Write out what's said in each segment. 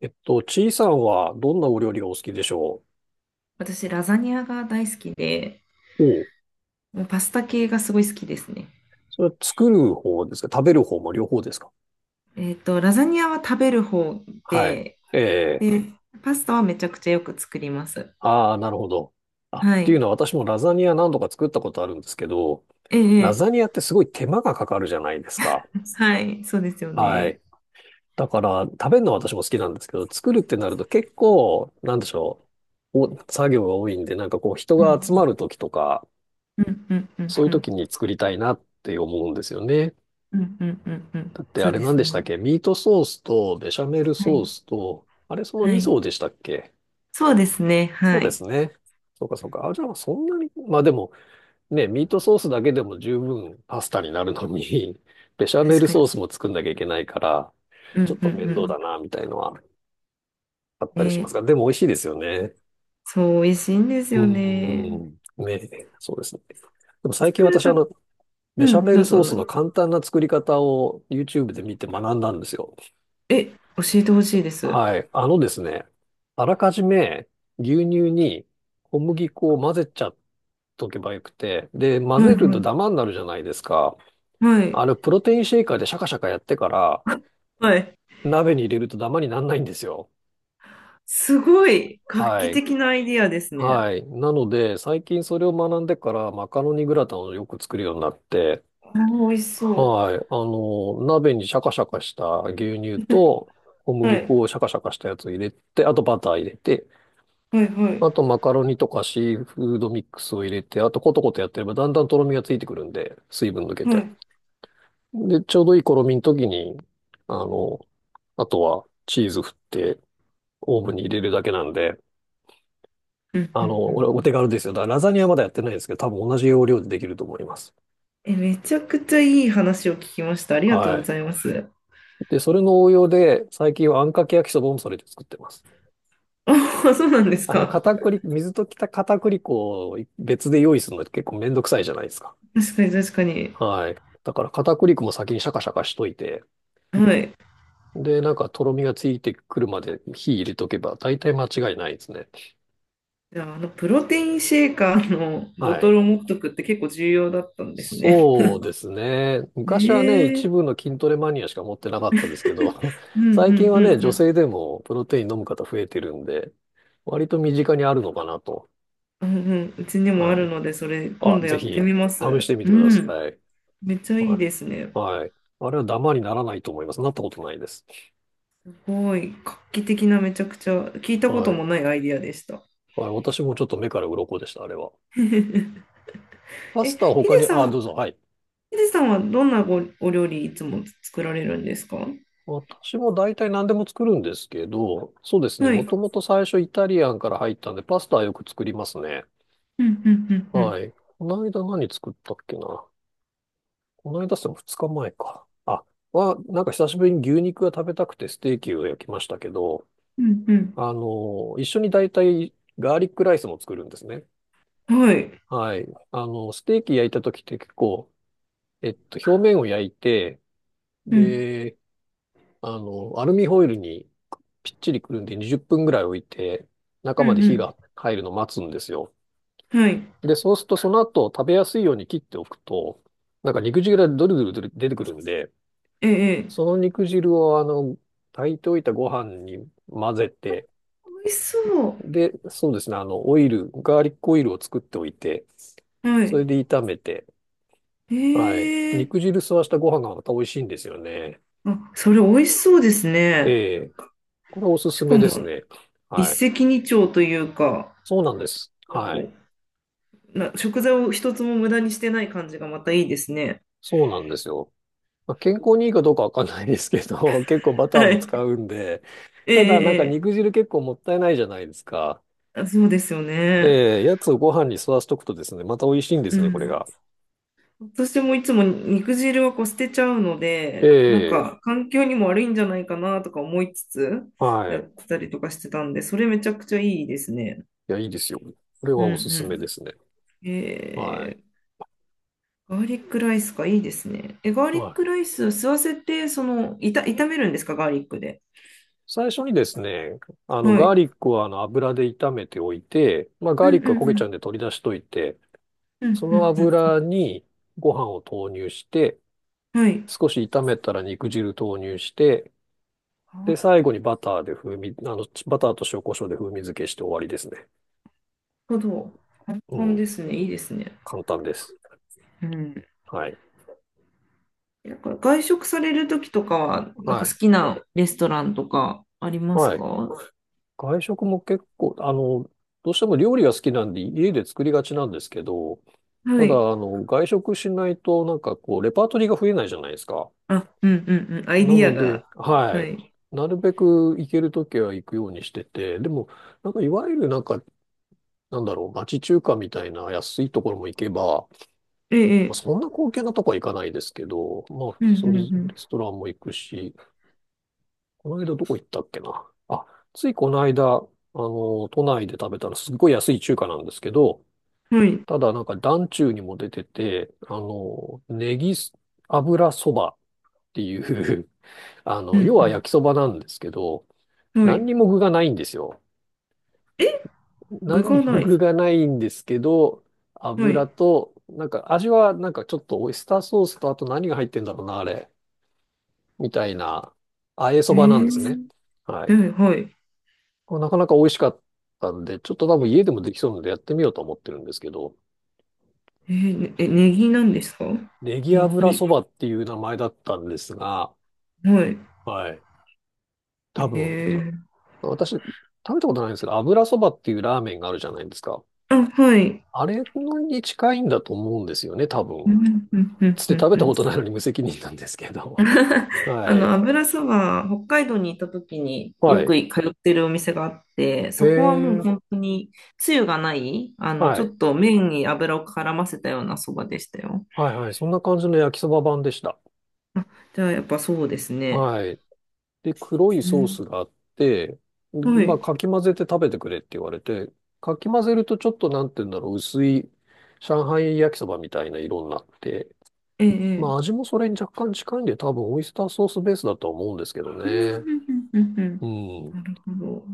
ちいさんはどんなお料理がお好きでしょ私、ラザニアが大好きで、う？おう。もうパスタ系がすごい好きですね。それは作る方ですか？食べる方も両方ですか？ラザニアは食べる方はで、い。ええ。で、パスタはめちゃくちゃよく作ります。ああ、なるほど。っはていうい。のは私もラザニア何度か作ったことあるんですけど、ええ、ラえザニアってすごい手間がかかるじゃないですか。え、はい、そうですよはね。い。だから、食べるのは私も好きなんですけど、作るってなると結構、なんでしょう。お、作業が多いんで、なんかこう人うん、が集まる時とか、うん、うん、うん、そういううん、時に作りたいなって思うんですよね。うん、うん、うんうんだってそあうれで何すでしね。たっけ？ミートソースとベシャメルはソーい、スと、あれそのは2い。層でしたっけ？そうですね、そはうですい。ね。そうかそうか。あ、じゃあそんなに、まあでもね、ミートソースだけでも十分パスタになるのに、ベシャメ確ルかに。ソースも作んなきゃいけないから、うん、うちょっと面倒ん、だな、みたいのはあっうたん。りしますえが、でも美味しいですよね。そう、美味しいんですうよね。ーん。ね、そうですね。でも最近作る私と、うベシャん、メどルうぞ、ソーどスうのぞ。簡単な作り方を YouTube で見て学んだんですよ。え、教えてほしいです。はい。あのですね、あらかじめ牛乳に小麦粉を混ぜちゃっとけばよくて、で、混はい、ぜるはとい。ダマになるじゃないですか。はいあの、プロテインシェイカーでシャカシャカやってから、はい。鍋に入れるとダマにならないんですよ。すごい画は期い。的なアイディアですね。はい。なので、最近それを学んでから、マカロニグラタンをよく作るようになって、あー、美味しそはい。あの、鍋にシャカシャカした牛乳と、小う。は麦い。粉をシャカシャカしたやつを入れて、あとバター入れて、はいはい。あと、マカロニとかシーフードミックスを入れて、あと、コトコトやってれば、だんだんとろみがついてくるんで、水分抜けはて。い。で、ちょうどいいとろみの時に、あの、あとは、チーズ振って、オーブンに入れるだけなんで、うんうあんうの、俺、おん。手軽ですよ。だからラザニアまだやってないんですけど、多分同じ要領でできると思います。え、めちゃくちゃいい話を聞きました。ありがとうはごい。ざいます。で、それの応用で、最近はあんかけ焼きそばもそれで作ってます。あ、そうなんですあの、か。片栗、水溶きた片栗粉を別で用意するのって結構めんどくさいじゃないですか。確かに確かに。はい。だから片栗粉も先にシャカシャカしといて、はい。で、なんか、とろみがついてくるまで火入れとけば、大体間違いないですね。じゃあ、あの、プロテインシェーカーのボはトルい。を持っとくって結構重要だったんですね。そうですね。昔はね、ええ一部の筋トレマニアしか持ってなかったですけど、うん う最近んうはんね、う女ん。性でもプロテイン飲む方増えてるんで、割と身近にあるのかなと。うんうん。うちにもあはるい。ので、それあ、今度ぜやってひ、みま試しす。てみうてくだん。さい。めっちゃいいはですい。ね。はい。あれはダマにならないと思います。なったことないです。ごい、画期的なめちゃくちゃ聞いたことはい。もないアイディアでした。はい。私もちょっと目から鱗でした、あれは。え、パスタはヒ他デに、さあ、ん、どうぞ。はい。ヒデさんはどんなごお料理いつも作られるんですか？私も大体何でも作るんですけど、そうですね。はもい。ともと最初イタリアンから入ったんで、パスタはよく作りますね。うんうんうんうんはい。この間何作ったっけな。この間って2日前か。あ、は、なんか久しぶりに牛肉が食べたくてステーキを焼きましたけど、うんあの、一緒に大体ガーリックライスも作るんですね。うんはい。はい。あの、ステーキ焼いた時って結構、表面を焼いて、うんで、あの、アルミホイルにぴっちりくるんで20分ぐらい置いて、う中んうまで火んが入るのを待つんですよ。はい。で、そうするとその後食べやすいように切っておくと、なんか肉汁がドルドルドル出てくるんで、ええ。ええその肉汁をあの、炊いておいたご飯に混ぜて、美味しそで、そうですね、あの、オイル、ガーリックオイルを作っておいて、う。はそい。れで炒めて、はい。ええ。肉汁吸わしたご飯がまた美味しいんですよね。あ、それ美味しそうですね。ええ。これおすしすかめですも、ね。一はい。石二鳥というか、そうなんです。はい。こうな、食材を一つも無駄にしてない感じがまたいいですね。そうなんですよ。まあ、健康にいいかどうかわかんないですけど、結構バターはもい。使うんで、えただなんかえ。ええ、肉汁結構もったいないじゃないですか。あ、そうですよね。ええ、やつをご飯に吸わしとくとですね、また美味しいんでうすね、これん。が。私もいつも肉汁はこう捨てちゃうのえで、なんんえ、か環境にも悪いんじゃないかなとか思いつつはやい。っいてたりとかしてたんで、それめちゃくちゃいいですね。や、いいですよ。これうはんおすすめでうすね。ん。はい。ガーリックライスか、いいですね。え、ガーリはックい。ライス吸わせて、炒めるんですか、ガーリックで。最初にですね、あの、はガーい。リックはあの油で炒めておいて、まあ、うガーんリうックは焦げんうちゃうんん。で取り出しといて、うんそのうん油にご飯を投入して、うん。はい。少し炒めたら肉汁投入して、なるで、最後にバターで風味、あの、バターと塩コショウで風味付けして終わりですね。ほど。簡う単ん。ですね。いいですね。簡単です。うん、はい。なんから外食されるときとかは、なんはかい。好きなレストランとかありますはか？い。は外食も結構、あの、どうしても料理が好きなんで家で作りがちなんですけど、ただ、い。あの、外食しないとなんかこう、レパートリーが増えないじゃないですか。あ、うんうんうん。アイデなィアので、が。ははい。い。なるべく行けるときは行くようにしてて、でも、なんかいわゆるなんか、なんだろう、町中華みたいな安いところも行けば、えまあえ、ええそんな高級なとこは行かないですけど、まあ、うんそれ、うレスんトランも行くし、この間どこ行ったっけな。あ、ついこの間、あの、都内で食べたらすっごい安い中華なんですけど、うん。はい。ただなんか団中にも出てて、あの、ネギ油そばっていう あうの、要は焼んきそばなんですけど、うん。は何にい。も具がないんですよ。え、具何にがもない。具がないんですけど、は油い。と、なんか味はなんかちょっとオイスターソースとあと何が入ってんだろうな、あれ。みたいな、あえそえばなんですね。はい。えははい。これなかなか美味しかったんで、ちょっと多分家でもできそうなのでやってみようと思ってるんですけど、ええ、ねえ、ネギなんですか？ネギネ油ギ。そばっていう名前だったんですが、はい。はい。多分、ええ、私、食べたことないんですけど、油そばっていうラーメンがあるじゃないですか。あ、はい。あれのに近いんだと思うんですよね、多うんう分。んうんうつって食んべうたん。ことないのに無責任なんですけど。はい。油そば、北海道に行った時にはよくい。通ってるお店があって、えそこはもうー、本当につゆがない、はちょい。っと麺に油を絡ませたようなそばでしたよ。はいはい。そんな感じの焼きそば版でした。あ、じゃあやっぱそうですね。はい。で、黒いうソーん、スがあって、はまあ、い。かき混ぜて食べてくれって言われて、かき混ぜるとちょっとなんて言うんだろう、薄い上海焼きそばみたいな色になって、ええ、えまあ、え味もそれに若干近いんで、多分オイスターソースベースだとは思うんですけどうんうね。んうんうんうんうん。なるほど。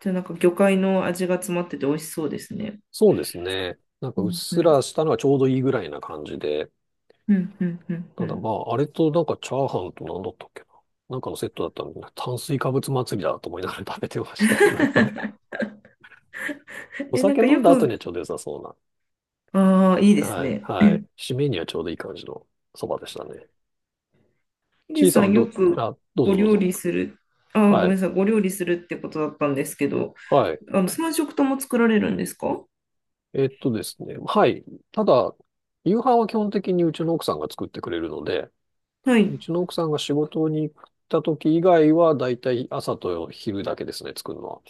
じゃあなんか魚介の味が詰まってて美味しそうですね。そうですね。なんかううっんうすらんしたのがちょうどいいぐらいな感じで。うんうんうんうただん。まあ、あれとなんかチャーハンと何だったっけな。なんかのセットだったんで、炭水化物祭りだと思いながら食べてましたけど。おえ、なん酒か飲んよだ後く、にはちょうど良さそうな。ああ、いいですはい、ね。はい。締めにはちょうどいい感じのそばでしたね。ヒデちいささんはん、よど、くあ、どうごぞどう料ぞ。理する、ごめんはない、さい、ご料理するってことだったんですけど、はい。3食とも作られるんですか？えっとですね。はい。ただ、夕飯は基本的にうちの奥さんが作ってくれるので、はうい。ちの奥さんが仕事に行った時以外は、だいたい朝と昼だけですね、作るのは。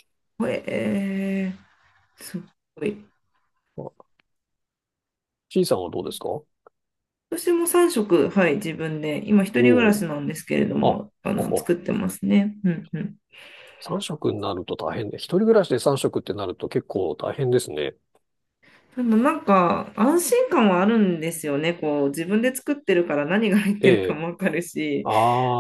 えすごい。あ、ちいさんはどうですか？お私も3食、はい、自分で、今、一人暮らおしー。なんですけれどあ、も、ほ作ほ。ってますね。うんうん。3食になると大変ね。一人暮らしで3食ってなると結構大変ですね。でもなんか、安心感はあるんですよね。こう、自分で作ってるから何が入っえてるかもわかるし、え。あ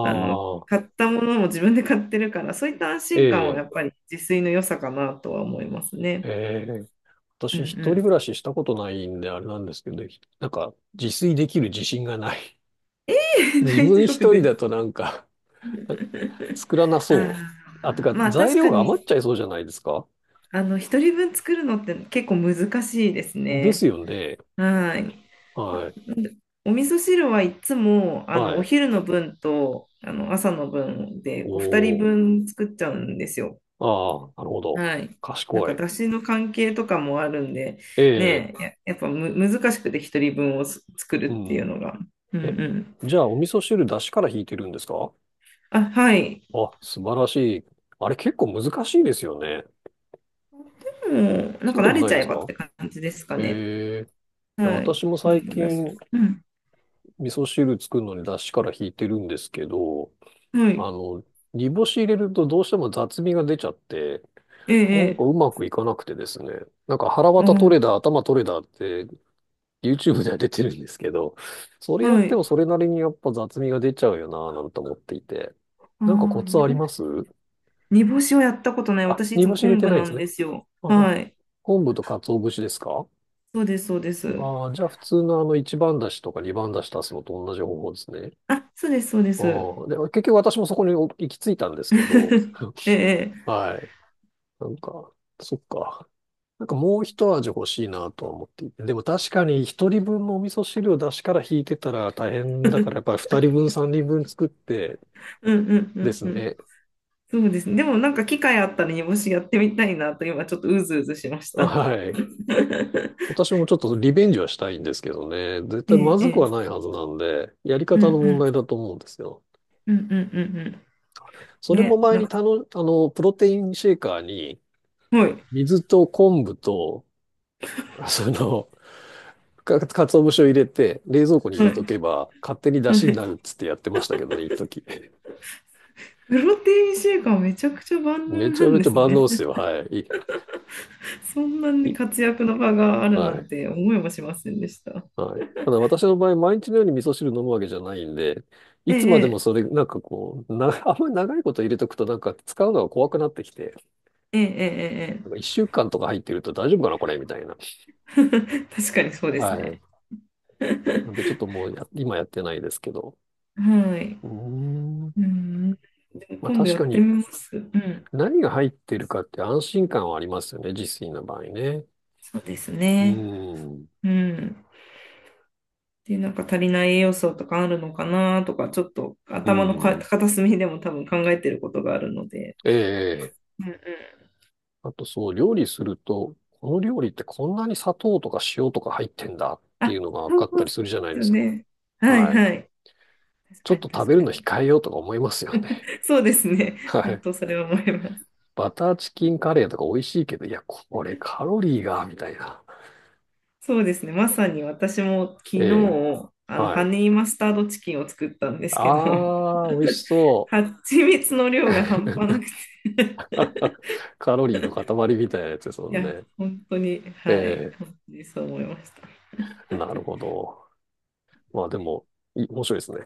あの、あ、買ったものも自分で買ってるから、そういった安え心感はやえ。っぱり自炊の良さかなとは思いますえね。え、う私一んう人暮らん。ししたことないんであれなんですけど、なんか自炊できる自信がない。自大分丈一夫人でだす。となんか 作らなそあう。あ、てあ、かまあ材確料かが余っに、ちゃいそうじゃないですか。一人分作るのって結構難しいですですね。よね。はい。はい。お味噌汁はいつも、はおい。昼の分と、朝の分で、こう、二人おー。分作っちゃうんですよ。ああ、なるほど。はい。なん賢か、い。だしの関係とかもあるんで、ええ、ねえ、やっぱむ難しくて一人分をす作うるっていうん。のが。うんうえ、ん。じゃあお味噌汁出汁から引いてるんですか？あ、はい。あ、素晴らしい。あれ結構難しいですよね。もう、なんそかうで慣もれなちいゃでえすばっか？て感じですかね。ええ。いやはい。私も昆最布だしと。近、うん。味噌汁作るのに出汁から引いてるんですけど、はあい。の、煮干し入れるとどうしても雑味が出ちゃって、ええ、なえんかえ。うまくいかなくてですね、なんか腹渡取れあだ、頭取れだって YouTube では出てるんですけど、そあ、れやっはてい。もそれなりにやっぱ雑味が出ちゃうよなぁなんて思っていて、あなんかコあ、ツ煮あり干まし、す？煮干しをやったことない。あ、私、い煮つ干もし入れ昆て布ないんでなすんね。ですよ。ああ、はい。昆布と鰹節ですか？そうです、そうです。ああ、じゃあ普通のあの一番だしとか二番だし足すのと同じ方法ですね。あ、そうです、そうです。ああ、で、結局私もそこに行き着いたんですけど、ええ、ええ。はい。なんか、そっか。なんかもう一味欲しいなとは思っていて。でも確かに一人分のお味噌汁を出しから引いてたら大変だから、や っぱり二人分、三人分作ってうんうんうでんすうん。ね。そうですね。でもなんか機会あったら煮干しやってみたいなと今ちょっとうずうずしました。はい。私もちょっとリベンジはしたいんですけどね。絶え対まえ、ずえくはえ。ないはずなんで、やりうん方うの問ん。題だと思うんですよ。うんうんうんうそん。れもね、前なんにか、プロテインシェーカーにはい。水と昆布と、その、か節を入れて、冷蔵庫に入はれとけば、勝手にい。出は汁にい。なるっつってやってましたけどね、一時。プロテインシェイカーめちゃくちゃ万能めちなゃんめでちゃす万ね。能っすよ、はい。そんなにい活躍の場があるなはんい。て思いもしませんでした。はい。ただ私の場合、毎日のように味噌汁飲むわけじゃないんで、いえつまでもえ、それ、なんかこう、あんまり長いこと入れとくとなんか使うのが怖くなってきて、ええ、ええ、えなんかえ。一週間とか入ってると大丈夫かな、これ、みたいな。ええ、確かにそうですはい。ね。なんでちょっ ともう今やってないですけど。はい。うーん。うん。でもまあ今度確やかってにみます。うん。何が入ってるかって安心感はありますよね、自炊の場合ね。そうですうね。ん。うん。で、なんか足りない栄養素とかあるのかなとか、ちょっとう頭のかん。片隅でも多分考えてることがあるので。ええ。うんうん。あと、その料理すると、この料理ってこんなに砂糖とか塩とか入ってんだってあ、いうのが分そかったうりですするじゃないでよすか。ね。はいはい。はい。確ちょかっにと食確べるかのに。控えようとか思いますよね。そうですね。は本い。当それは思います。バターチキンカレーとか美味しいけど、いや、これカロリーが、みたいな。そうですね。まさに私も昨え日、え。はハい。ニーマスタードチキンを作ったんですけど、あー、美味しそう。蜂蜜の量が半端な くて、カロリーの塊みたいなやつですもいんや、ね。本当に、えはい、え。本当にそう思いました。なるほど。まあでも、面白いですね。